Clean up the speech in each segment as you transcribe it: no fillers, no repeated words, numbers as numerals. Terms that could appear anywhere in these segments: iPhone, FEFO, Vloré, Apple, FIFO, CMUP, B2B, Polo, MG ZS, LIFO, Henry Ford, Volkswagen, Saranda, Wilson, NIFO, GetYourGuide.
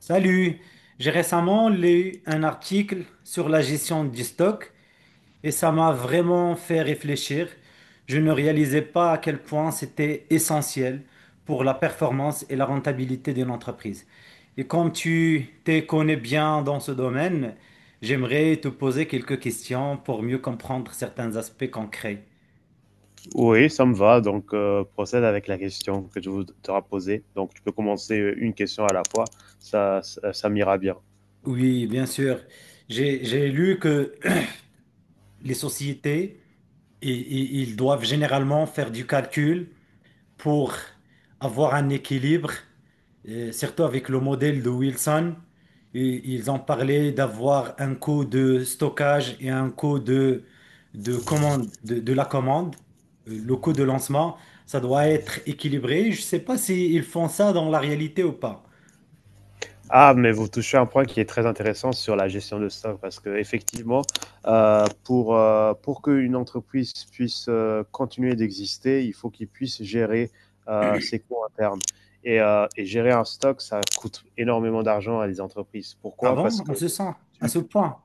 Salut, j'ai récemment lu un article sur la gestion du stock et ça m'a vraiment fait réfléchir. Je ne réalisais pas à quel point c'était essentiel pour la performance et la rentabilité d'une entreprise. Et comme tu te connais bien dans ce domaine, j'aimerais te poser quelques questions pour mieux comprendre certains aspects concrets. Oui, ça me va. Donc, procède avec la question que tu voudras poser. Donc, tu peux commencer une question à la fois. Ça m'ira bien. Oui, bien sûr. J'ai lu que les sociétés, ils doivent généralement faire du calcul pour avoir un équilibre, surtout avec le modèle de Wilson. Et ils ont parlé d'avoir un coût de stockage et un coût de commande, de la commande. Le coût de lancement, ça doit être équilibré. Je ne sais pas s'ils font ça dans la réalité ou pas. Ah, mais vous touchez un point qui est très intéressant sur la gestion de stock parce que effectivement, pour pour qu'une entreprise puisse continuer d'exister, il faut qu'il puisse gérer ses coûts internes. Et gérer un stock, ça coûte énormément d'argent à des entreprises. Pourquoi? Avant, Parce on que se sent à ce point.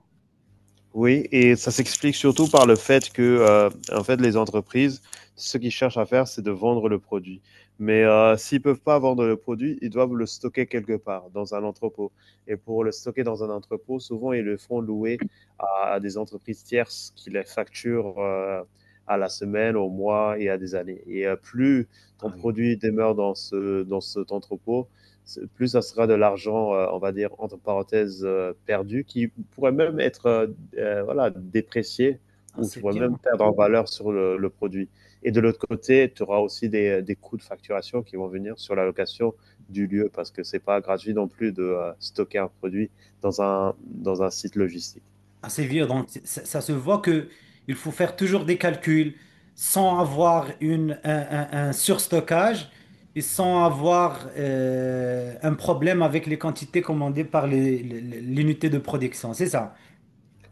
Oui, et ça s'explique surtout par le fait que, en fait, les entreprises, ce qu'ils cherchent à faire, c'est de vendre le produit. Mais s'ils peuvent pas vendre le produit, ils doivent le stocker quelque part, dans un entrepôt. Et pour le stocker dans un entrepôt, souvent, ils le font louer à des entreprises tierces qui les facturent à la semaine, au mois et à des années. Et plus ton Ah oui. produit demeure dans dans cet entrepôt, plus ça sera de l'argent, on va dire, entre parenthèses, perdu, qui pourrait même être voilà, déprécier Ah, ou tu c'est vas même bien. perdre en valeur sur le produit. Et de l'autre côté, tu auras aussi des coûts de facturation qui vont venir sur la location du lieu parce que c'est pas gratuit non plus de stocker un produit dans dans un site logistique. Assez vieux. Donc, ça se voit que il faut faire toujours des calculs sans avoir un surstockage et sans avoir un problème avec les quantités commandées par l'unité de production. C'est ça.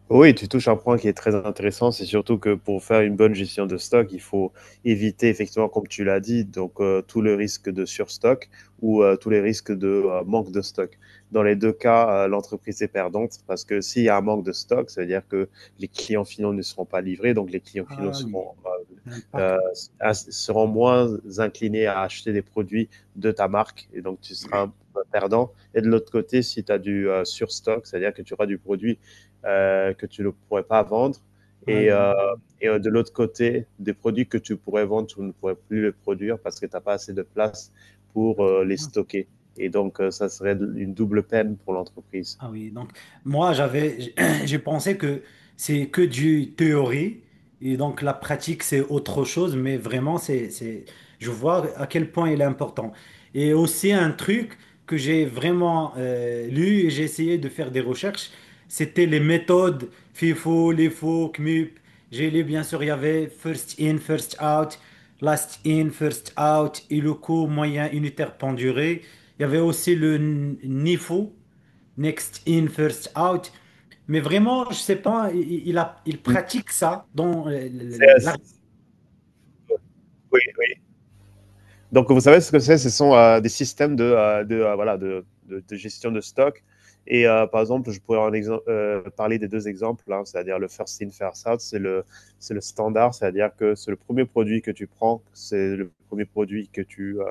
Oui, tu touches un point qui est très intéressant. C'est surtout que pour faire une bonne gestion de stock, il faut éviter effectivement, comme tu l'as dit, donc tout le risque de surstock ou tous les risques de manque de stock. Dans les deux cas, l'entreprise est perdante parce que s'il y a un manque de stock, ça veut dire que les clients finaux ne seront pas livrés, donc les clients finaux Ah oui, l'impact. euh, seront moins inclinés à acheter des produits de ta marque et donc tu seras un perdant. Et de l'autre côté, si tu as du surstock, c'est-à-dire que tu auras du produit que tu ne pourrais pas vendre. Ah Et, euh, et de l'autre côté, des produits que tu pourrais vendre, tu ne pourrais plus les produire parce que tu n'as pas assez de place pour les oui. stocker. Et donc, ça serait une double peine pour l'entreprise. Ah oui, donc moi j'avais j'ai pensé que c'est que du théorie et donc la pratique c'est autre chose, mais vraiment c'est je vois à quel point il est important. Et aussi un truc que j'ai vraiment lu et j'ai essayé de faire des recherches, c'était les méthodes FIFO, LIFO, CMUP. J'ai lu, bien sûr il y avait first in, first out, last in, first out, et le coût moyen unitaire penduré. Il y avait aussi le NIFO. Next in, first out. Mais vraiment, je sais pas, il Mm. pratique ça dans C'est, euh, la oui. Donc, vous savez ce que c'est. Ce sont des systèmes voilà, de gestion de stock. Et par exemple, je pourrais en exemple, parler des deux exemples, hein, c'est-à-dire le first in, first out, c'est le standard, c'est-à-dire que c'est le premier produit que tu prends, c'est le premier produit que tu, euh,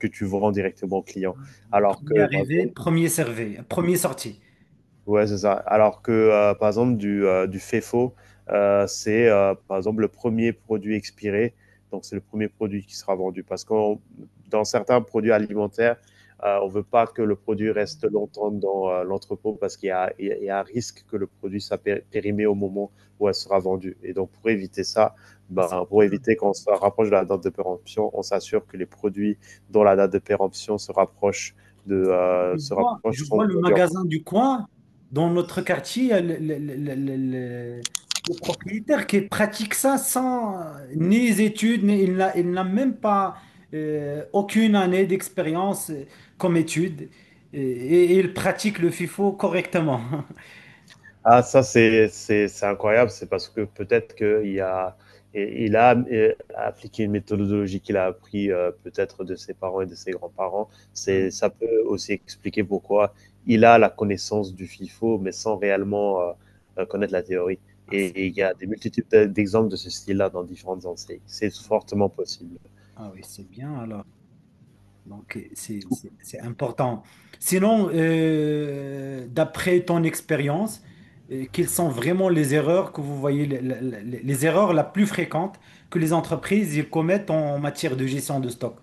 que tu vends directement au client. Alors premier que, par arrivé, exemple, premier servi, premier sorti. ouais, c'est ça. Alors que, par exemple, du FEFO, c'est par exemple le premier produit expiré. Donc, c'est le premier produit qui sera vendu. Parce que dans certains produits alimentaires, on ne veut pas que le produit reste longtemps dans l'entrepôt parce qu'il y a, il y a- il y a un risque que le produit soit périmé au moment où elle sera vendue. Et donc, pour éviter ça, Ah, c'est ben, pour bien. éviter qu'on se rapproche de la date de péremption, on s'assure que les produits dont la date de péremption se rapproche Je vois, je vois sont le vendus en premier. magasin du coin dans notre quartier, le- le propriétaire qui pratique ça sans ni études, ni, il n'a même pas aucune année d'expérience comme étude et il pratique le FIFO correctement. Ah, ça, c'est incroyable. C'est parce que peut-être qu'il a, et- il a appliqué une méthodologie qu'il a appris peut-être de ses parents et de ses grands-parents. Ça peut aussi expliquer pourquoi il a la connaissance du FIFO, mais sans réellement connaître la théorie. Ah, Et, c'est et il y bien. a des multitudes d'exemples de ce style-là dans différentes enseignes. C'est fortement possible. Ah oui, c'est bien alors. Donc, c'est important. Sinon, d'après ton expérience, quelles sont vraiment les erreurs que vous voyez, les erreurs la plus fréquentes que les entreprises ils commettent en matière de gestion de stock?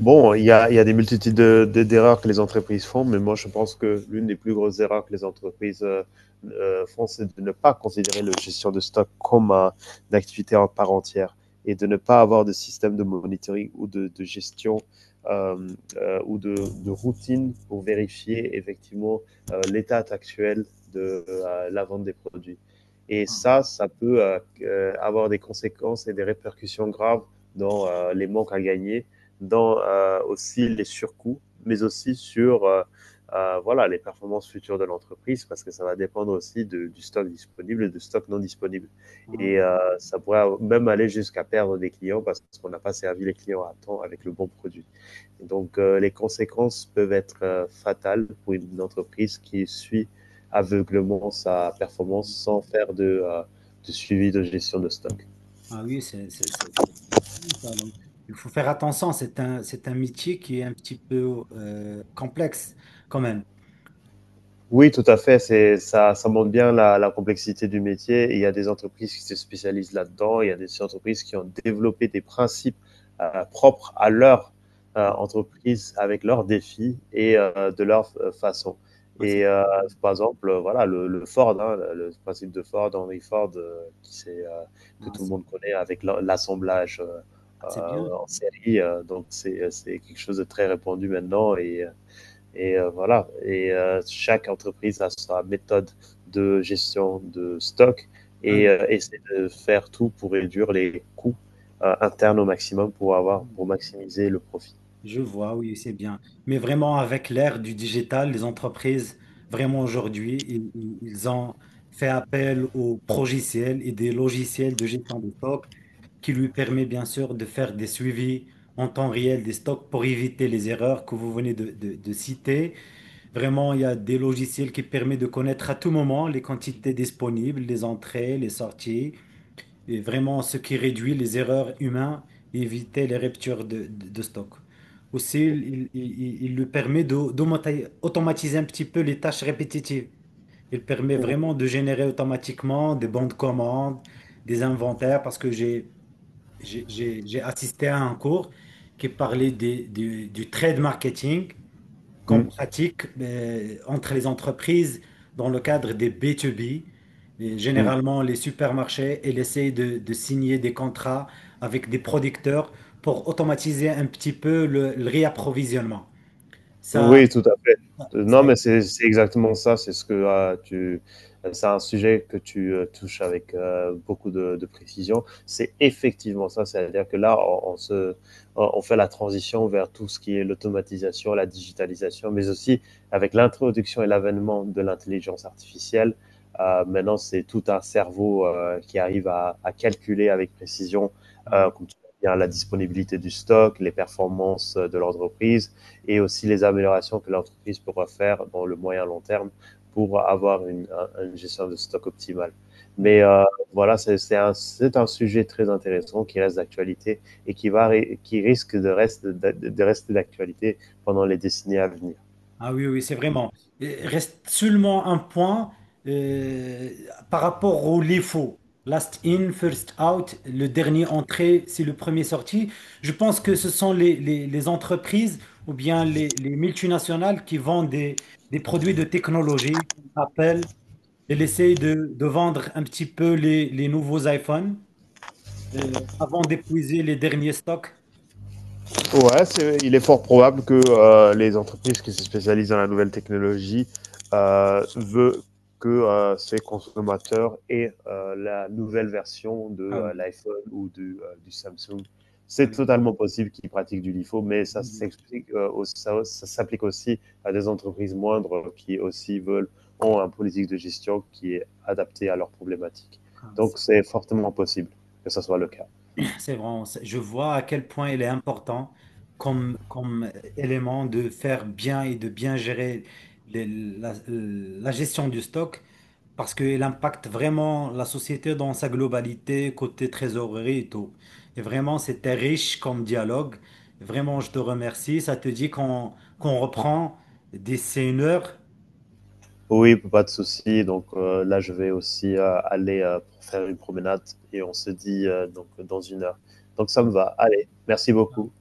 Bon, il y a des multitudes d'erreurs que les entreprises font, mais moi je pense que l'une des plus grosses erreurs que les entreprises font, c'est de ne pas considérer la gestion de stock comme une activité en part entière et de ne pas avoir de système de monitoring ou de gestion euh, ou de routine pour vérifier effectivement l'état actuel de la vente des produits. Et Ah, ça peut avoir des conséquences et des répercussions graves dans les manques à gagner dans aussi les surcoûts, mais aussi sur voilà, les performances futures de l'entreprise, parce que ça va dépendre aussi du stock disponible et du stock non disponible. ah, Et ça pourrait même aller jusqu'à perdre des clients parce qu'on n'a pas servi les clients à temps avec le bon produit. Et donc les conséquences peuvent être fatales pour une entreprise qui suit aveuglément sa performance mm. sans faire de suivi de gestion de stock. Ah oui, c'est bien ça. Donc, il faut faire attention, c'est un métier qui est un petit peu complexe quand même. Oui, tout à fait. Ça montre bien la complexité du métier. Et il y a des entreprises qui se spécialisent là-dedans. Il y a des entreprises qui ont développé des principes propres à leur Ah, entreprise avec leurs défis et de leur façon. ah, c'est Et par exemple, voilà, le Ford, hein, le principe de Ford, Henry Ford, qui c'est, que ah, tout le c'est- monde connaît avec l'assemblage ah, c'est bien. En série. Donc, c'est quelque chose de très répandu maintenant. Voilà. Et chaque entreprise a sa méthode de gestion de stock Ah et essaie de faire tout pour réduire les coûts internes au maximum oui. pour maximiser le profit. Je vois, oui, c'est bien. Mais vraiment, avec l'ère du digital, les entreprises, vraiment aujourd'hui, ils ont fait appel aux progiciels et des logiciels de gestion des stocks qui lui permet bien sûr de faire des suivis en temps réel des stocks pour éviter les erreurs que vous venez de citer. Vraiment, il y a des logiciels qui permettent de connaître à tout moment les quantités disponibles, les entrées, les sorties. Et vraiment, ce qui réduit les erreurs humaines et éviter les ruptures de stock. Aussi, il lui permet d'automatiser un petit peu les tâches répétitives. Il permet vraiment de générer automatiquement des bons de commande, des inventaires, parce que j'ai assisté à un cours qui parlait du trade marketing qu'on Mm, pratique entre les entreprises dans le cadre des B2B. Et mm. généralement, les supermarchés, ils essayent de signer des contrats avec des producteurs pour automatiser un petit peu le réapprovisionnement. Ça, Oui, tout à fait. ça. Non, mais c'est exactement ça. C'est un sujet que tu, touches avec, beaucoup de précision. C'est effectivement ça. C'est-à-dire que là, on se on fait la transition vers tout ce qui est l'automatisation, la digitalisation, mais aussi avec l'introduction et l'avènement de l'intelligence artificielle, maintenant, c'est tout un cerveau, qui arrive à calculer avec précision, Ah oui. comme tu l'as dit, hein, la disponibilité du stock, les performances de l'entreprise, et aussi les améliorations que l'entreprise pourra faire dans le moyen long terme pour avoir une gestion de stock optimale. Mais voilà, c'est un sujet très intéressant qui reste d'actualité et qui risque de rester d'actualité pendant les décennies à venir. Ah oui, oui, c'est vraiment. Reste seulement un point euh, par rapport au LIFO. Last in, first out, le dernier entré, c'est le premier sorti. Je pense que ce sont les entreprises ou bien les multinationales qui vendent des produits de technologie, comme Apple, et essaye de vendre un petit peu les nouveaux iPhones avant d'épuiser les derniers stocks. Ouais, il est fort probable que les entreprises qui se spécialisent dans la nouvelle technologie veulent que ces consommateurs aient la nouvelle version de Ah oui, l'iPhone ou du Samsung. ah C'est oui. totalement possible qu'ils pratiquent du LIFO, mais ça s'applique aussi à des entreprises moindres qui aussi veulent ont un politique de gestion qui est adapté à leurs problématiques. Ah, Donc c'est fortement possible que ce soit le cas. c'est vraiment, je vois à quel point il est important comme, comme élément de faire bien et de bien gérer la gestion du stock parce qu'il impacte vraiment la société dans sa globalité, côté trésorerie et tout. Et vraiment, c'était riche comme dialogue. Vraiment, je te remercie. Ça te dit qu'on reprend d'ici une heure? Oui, pas de souci. Donc là, je vais aussi aller pour faire une promenade et on se dit donc dans une heure. Donc ça me va. Allez, merci beaucoup.